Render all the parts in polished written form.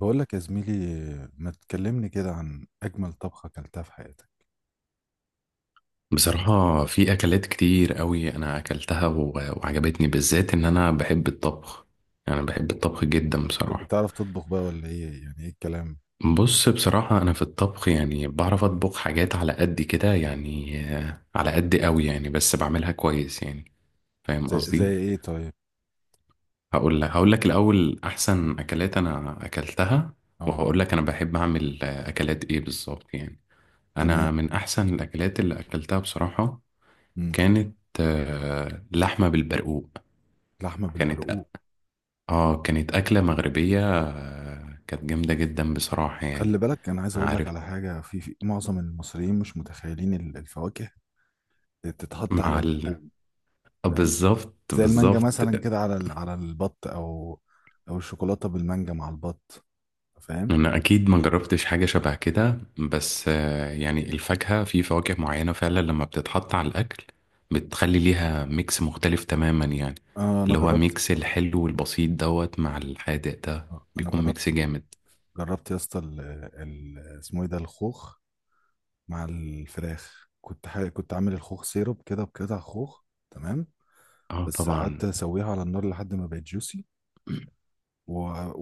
بقول لك يا زميلي، ما تكلمني كده عن أجمل طبخة أكلتها في حياتك. بصراحة في أكلات كتير قوي أنا أكلتها و- وعجبتني بالذات إن أنا بحب الطبخ، يعني بحب الطبخ جدا بصراحة. بتعرف تطبخ بقى ولا إيه؟ يعني إيه الكلام؟ بص بصراحة أنا في الطبخ يعني بعرف أطبخ حاجات على قد كده، يعني على قد قوي يعني، بس بعملها كويس يعني. فاهم زي قصدي؟ إيه طيب؟ هقول لك الأول أحسن أكلات أنا أكلتها، أه. وهقول لك أنا بحب أعمل أكلات إيه بالظبط يعني. تمام. أنا من أحسن الأكلات اللي أكلتها بصراحة مم. كانت لحمة بالبرقوق. لحمة كانت بالبرقوق. اه كانت أكلة مغربية، كانت جامدة جدا بصراحة يعني. خلي بالك أنا عايز أقول لك عارف. على حاجة، في معظم المصريين مش متخيلين الفواكه تتحط مع على اللحوم، آه، فاهم؟ بالظبط زي المانجا بالظبط. مثلا كده على على البط، أو أو الشوكولاتة بالمانجا مع البط، فاهم؟ أنا أكيد ما جربتش حاجة شبه كده، بس يعني الفاكهة، في فواكه معينة فعلا لما بتتحط على الأكل بتخلي ليها ميكس مختلف تماما يعني. آه أنا اللي هو جربت. ميكس الحلو والبسيط دوت مع الحادق ده أنا بيكون جربت. ميكس جامد. جربت يا اسطى اسمه إيه ده؟ الخوخ مع الفراخ، كنت حاجة، كنت عامل الخوخ سيرب كده بقطع خوخ، تمام؟ اه بس قعدت طبعا. اسويها على النار لحد ما بقت جوسي و...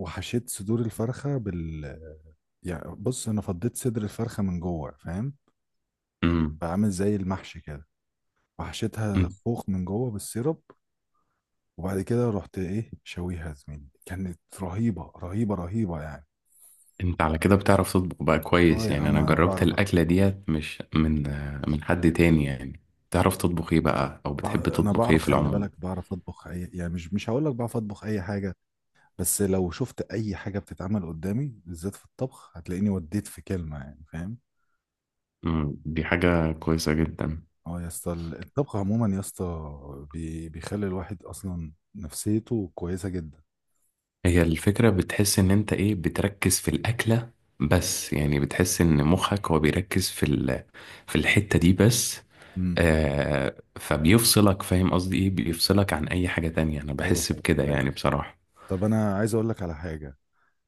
وحشيت صدور الفرخة بال بص انا فضيت صدر الفرخة من جوه، فاهم؟ امم. فعامل زي المحشي كده، وحشيتها خوخ من جوه بالسيرب، وبعد كده رحت ايه شويها يا زميلي، كانت رهيبة رهيبة رهيبة يعني. انت على كده بتعرف تطبخ بقى اه كويس يا يعني؟ عم انا أنا جربت بعرف. الاكله ديت مش من من حد تاني يعني. تعرف تطبخ ايه بقى، او بتحب انا تطبخ ايه بعرف، في خلي العموم؟ بالك، بعرف اطبخ اي يعني، مش هقول لك بعرف اطبخ اي حاجة، بس لو شفت اي حاجه بتتعمل قدامي بالذات في الطبخ هتلاقيني وديت في كلمه، يعني فاهم. مم، دي حاجه كويسه جدا. اه يا اسطى الطبخ عموما يا اسطى بيخلي الواحد اصلا نفسيته كويسه جدا. هي الفكره بتحس ان انت ايه، بتركز في الاكله، بس يعني بتحس ان مخك هو بيركز في في الحته دي بس. امم. آه، فبيفصلك، فاهم قصدي ايه؟ بيفصلك عن اي حاجه تانية، انا ايوه بحس فاهم بكده فاهم. يعني بصراحه. طب انا عايز اقول لك على حاجه.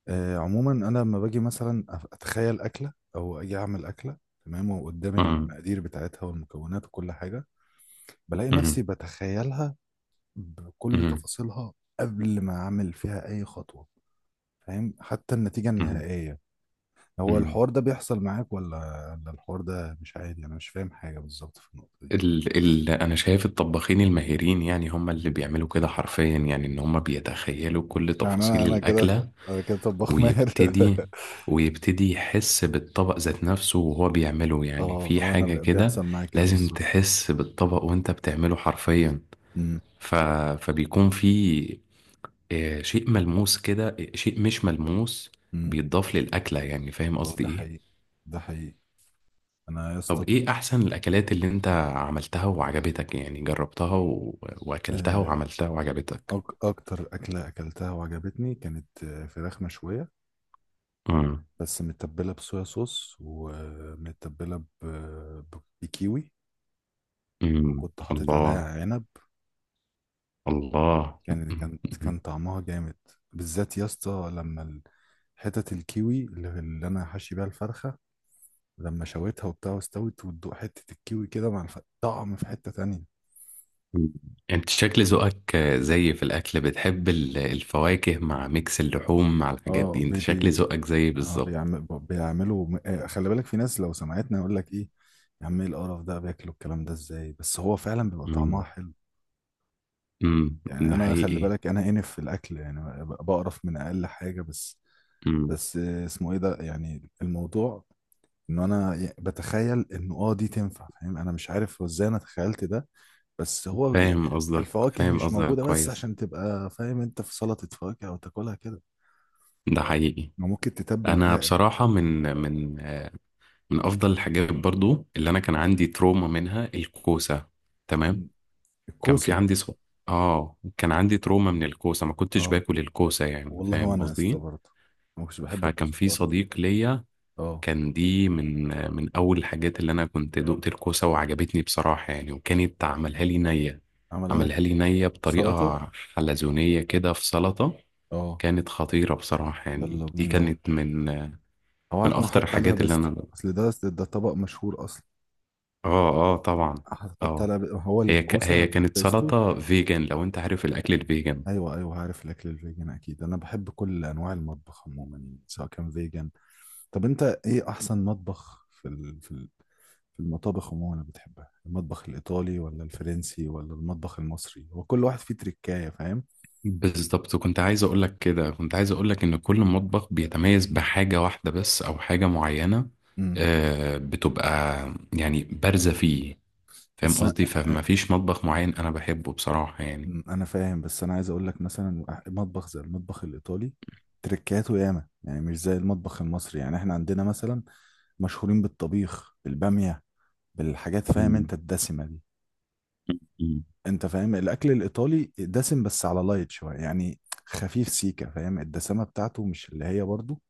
آه عموما انا لما باجي مثلا اتخيل اكله او اجي اعمل اكله، تمام، وقدامي مم، المقادير بتاعتها والمكونات وكل حاجه، بلاقي نفسي مم، بتخيلها بكل مم، تفاصيلها قبل ما اعمل فيها اي خطوه، فاهم؟ حتى النتيجه مم، النهائيه. هو مم. الحوار ده بيحصل معاك ولا ولا الحوار ده مش عادي؟ انا مش فاهم حاجه بالظبط في النقطه دي. ال انا شايف الطباخين الماهرين يعني هم اللي بيعملوا كده حرفيا، يعني ان هم بيتخيلوا كل يعني انا تفاصيل انا كده، الاكله. انا كده طباخ ماهر. ويبتدي ويبتدي يحس بالطبق ذات نفسه وهو بيعمله، يعني اه في اه انا حاجه كده. بيحصل معايا كده لازم بالظبط. تحس بالطبق وانت بتعمله حرفيا. امم. ف فبيكون في آه، شيء ملموس كده، آه، شيء مش ملموس امم. بيتضاف للاكله، يعني فاهم اه قصدي ده ايه؟ حقيقي، ده حقيقي، انا يا طب اسطى. ايه احسن الاكلات اللي انت عملتها وعجبتك، يعني جربتها واكلتها آه، وعملتها وعجبتك؟ اكتر اكله اكلتها وعجبتني كانت فراخ مشويه، امم. بس متبله بصويا صوص ومتبله بكيوي، امم. وكنت حاطط عليها الله. عنب. الله. كان طعمها جامد. بالذات يا اسطى لما حتت الكيوي اللي انا حاشي بيها الفرخه، لما شويتها وبتاع واستوت وتدوق حته الكيوي كده مع طعم في حته تانية. مم. انت شكل ذوقك زي في الاكل بتحب الفواكه مع ميكس اللحوم مع الحاجات اه دي، انت بي شكل بي ذوقك زي آه بالظبط. بيعملوا خلي بالك في ناس لو سمعتنا يقول لك ايه، يا عم ايه القرف ده؟ بياكلوا الكلام ده ازاي؟ بس هو فعلا بيبقى طعمها امم. حلو، امم. يعني ده انا خلي حقيقي. بالك انا انف في الاكل يعني بقرف من اقل حاجه. بس امم. بس اسمه ايه ده يعني الموضوع؟ ان انا بتخيل انه اه دي تنفع، فاهم؟ انا مش عارف هو ازاي انا تخيلت ده، بس هو فاهم يعني قصدك، الفواكه فاهم مش قصدك موجودة بس كويس. عشان تبقى فاهم انت في سلطة فواكه او تاكلها كده، ده حقيقي. ما ممكن تتبل انا بيها. بصراحة من افضل الحاجات برضو اللي انا كان عندي تروما منها الكوسه. تمام. م- كان في الكوسة. اه كان عندي تروما من الكوسه، ما كنتش اه باكل الكوسه يعني، والله فاهم وانا قصدي؟ استغربت، ما كنتش بحب فكان الكوسة في خالص. صديق ليا اه. كان دي من اول الحاجات اللي انا كنت دقت الكوسه وعجبتني بصراحه يعني، وكانت عملها لي نيه. عملها لك عملها لي نيه بطريقه سلطة؟ حلزونيه كده في سلطه. اه. كانت خطيره بصراحه يعني، يلا دي بينا. كانت من هو من هيكون اخطر حط عليها الحاجات اللي بيستو، انا. اصل ده ده طبق مشهور اصلا. اه. اه طبعا. حط اه، عليها هو الكوسة هي مع كانت البيستو. سلطة فيجن، لو انت عارف الاكل الفيجن. ايوه ايوه عارف الاكل الفيجن، اكيد انا بحب كل انواع المطبخ عموما يعني سواء كان فيجن. طب انت ايه احسن مطبخ في في المطابخ عموما اللي بتحبها؟ المطبخ الايطالي ولا الفرنسي ولا المطبخ المصري؟ هو كل واحد فيه تركايه، فاهم. بالظبط، كنت عايز اقول لك كده، كنت عايز اقول لك ان كل مطبخ بيتميز بحاجة واحدة بس او حاجة معينة امم. آه بتبقى يعني بارزة فيه، فاهم بس أ- قصدي؟ فما فيش مطبخ معين انا بحبه بصراحة يعني. أمم، انا فاهم، بس انا عايز اقول لك مثلا مطبخ زي المطبخ الايطالي تركاته ياما، يعني مش زي المطبخ المصري. يعني احنا عندنا مثلا مشهورين بالطبيخ بالباميه بالحاجات، فاهم مم. انت الدسمه دي؟ مم. انت فاهم الاكل الايطالي دسم بس على لايت شويه يعني، خفيف سيكه، فاهم؟ الدسمه بتاعته مش اللي هي برضه،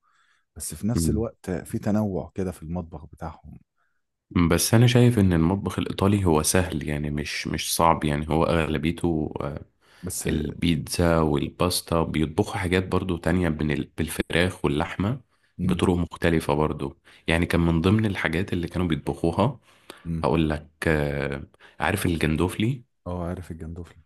بس في نفس مم. الوقت في تنوع كده في المطبخ بتاعهم. بس انا شايف ان المطبخ الايطالي هو سهل، يعني مش مش صعب يعني، هو اغلبيته بس. البيتزا والباستا. بيطبخوا حاجات برضو تانية بين بالفراخ واللحمة امم. بطرق مختلفة برضو. يعني كان من ضمن الحاجات اللي كانوا بيطبخوها، امم. هقول لك آه، عارف الجندوفلي؟ اه عارف الجندوفلي.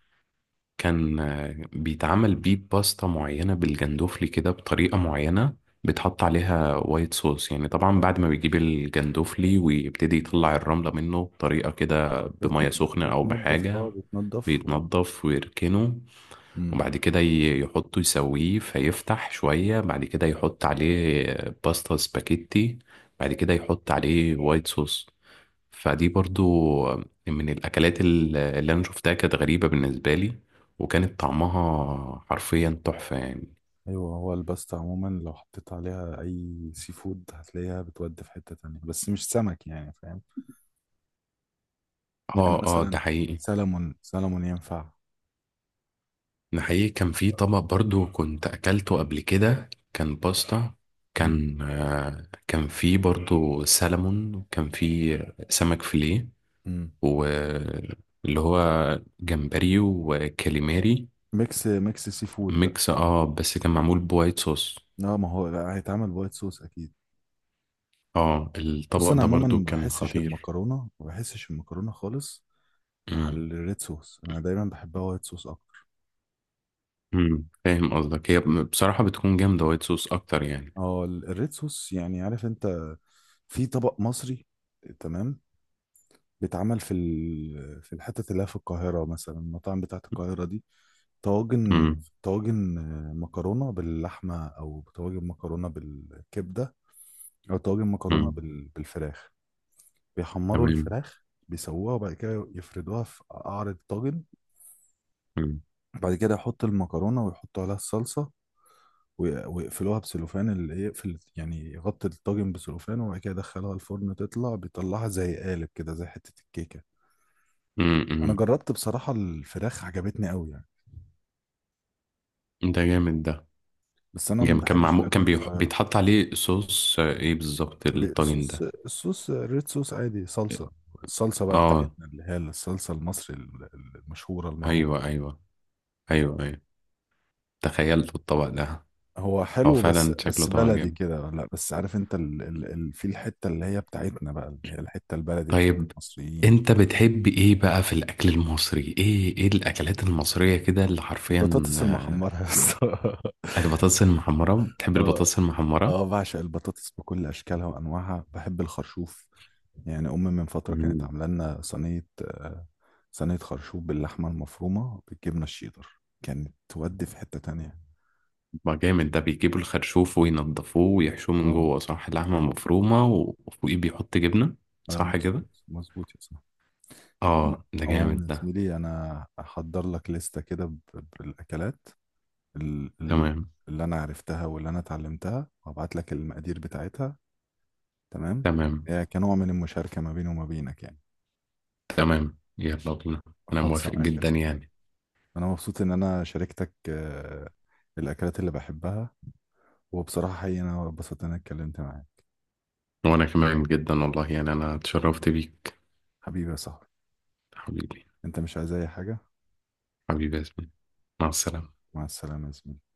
كان بيتعمل بيه باستا معينة بالجندوفلي كده بطريقة معينة. بيتحط عليها وايت صوص، يعني طبعا بعد ما بيجيب الجندوفلي ويبتدي يطلع الرملة منه بطريقة كده بتن... بمية سخنة أو بتنضف بحاجة. اه بيتنضف ويركنه، امم. وبعد كده يحطه يسويه فيفتح شوية. بعد كده يحط عليه باستا سباكيتي، بعد كده يحط عليه وايت صوص. فدي برضو من الأكلات اللي أنا شفتها كانت غريبة بالنسبة لي، وكانت طعمها حرفيا تحفة يعني. ايوه هو الباستا عموما لو حطيت عليها اي سي فود هتلاقيها بتودي في حته تانية، بس مش سمك، يعني فاهم يعني اه ده مثلا، حقيقي. سلمون سلمون ينفع. ده حقيقي. كان في طبق برضو كنت أكلته قبل كده، كان باستا. امم. كان آه، كان في برضو سلمون، وكان في سمك فيليه، امم. واللي هو جمبري وكاليماري. ميكس ميكس سي فود. ميكس، اه، بس كان معمول بوايت صوص. اه ما هو لا هيتعمل بوايت صوص اكيد. اه بص الطبق انا ده عموما برضو ما كان بحسش خطير. المكرونه، ما بحسش المكرونه خالص مع امم. الريد صوص، انا دايما بحبها وايت صوص اكتر. امم. فاهم قصدك، هي بصراحة بتكون جامدة وايت صوص اكتر يعني. اه الريد صوص، يعني عارف انت، في طبق مصري، تمام، بيتعمل في في الحتت اللي هي في القاهره مثلا، المطاعم بتاعت القاهره دي، طواجن، امم. طواجن مكرونه باللحمه، او طواجن مكرونه بالكبده، او طواجن مكرونه امم. بالفراخ. بيحمروا تمام. الفراخ، بيسووها وبعد كده يفردوها في قعر الطاجن، امم. بعد كده يحط المكرونة ويحطوا عليها الصلصة، ويقفلوها بسلوفان، اللي يقفل يعني يغطي الطاجن بسلوفان، وبعد كده يدخلها الفرن تطلع، بيطلعها زي قالب كده زي حتة الكيكة. أنا امم. جربت بصراحة الفراخ عجبتني قوي يعني، ده جامد. ده بس أنا ما جامد، كان بحبش معمول، الأكل كان في القاهرة. بيتحط عليه صوص، آه، ايه بالظبط الطاجن بصوص ده؟ الصوص ريد صوص عادي، صلصة، الصلصة بقى اه. بتاعتنا اللي هي الصلصة المصري المشهورة المعروفة. ايوه ايوه. ايوه ايوه. تخيلت الطبق ده. هو هو حلو بس فعلا شكله بس طبق بلدي جامد. كده لا، بس عارف انت ال ال ال في الحته اللي هي بتاعتنا بقى اللي هي الحته البلدي بتاعت طيب المصريين. انت بتحب ايه بقى في الاكل المصري؟ ايه ايه الاكلات المصرية كده اللي حرفيا؟ البطاطس المحمره يا اسطى. آه، البطاطس المحمرة؟ بتحب اه البطاطس المحمرة. اه بعشق البطاطس بكل اشكالها وانواعها، بحب الخرشوف، يعني امي من فتره كانت مم. عامله لنا صينيه صينيه خرشوف باللحمه المفرومه بالجبنه الشيدر، كانت تودي في حته تانية. ما جامد ده، بيجيبوا الخرشوف وينضفوه ويحشوه من اه. جوه، صح؟ لحمة ايوه مفرومة وفوقيه بيحط جبنة، ايوه صح كده؟ مظبوط مظبوط يا صاحبي. عموما، اه ده جامد عموماً يا ده. زميلي، انا هحضر لك لستة كده بالاكلات ال- ال- تمام. اللي انا عرفتها واللي انا اتعلمتها، وهبعت لك المقادير بتاعتها، تمام، تمام. إيه، كنوع من المشاركة ما بيني وما بينك يعني. تمام يلا بينا. انا خالصة موافق معاك يا جدا صاحبي. يعني. انا مبسوط ان انا شاركتك الاكلات اللي بحبها، وبصراحة حقيقي انا اتبسطت ان انا اتكلمت معاك. وانا كمان جدا والله يعني، انا اتشرفت بيك. حبيبي يا صاحبي. حبيبي. انت مش عايز اي حاجة؟ حبيبي يا ياسمين. مع السلامة. مع السلامة يا زميلي.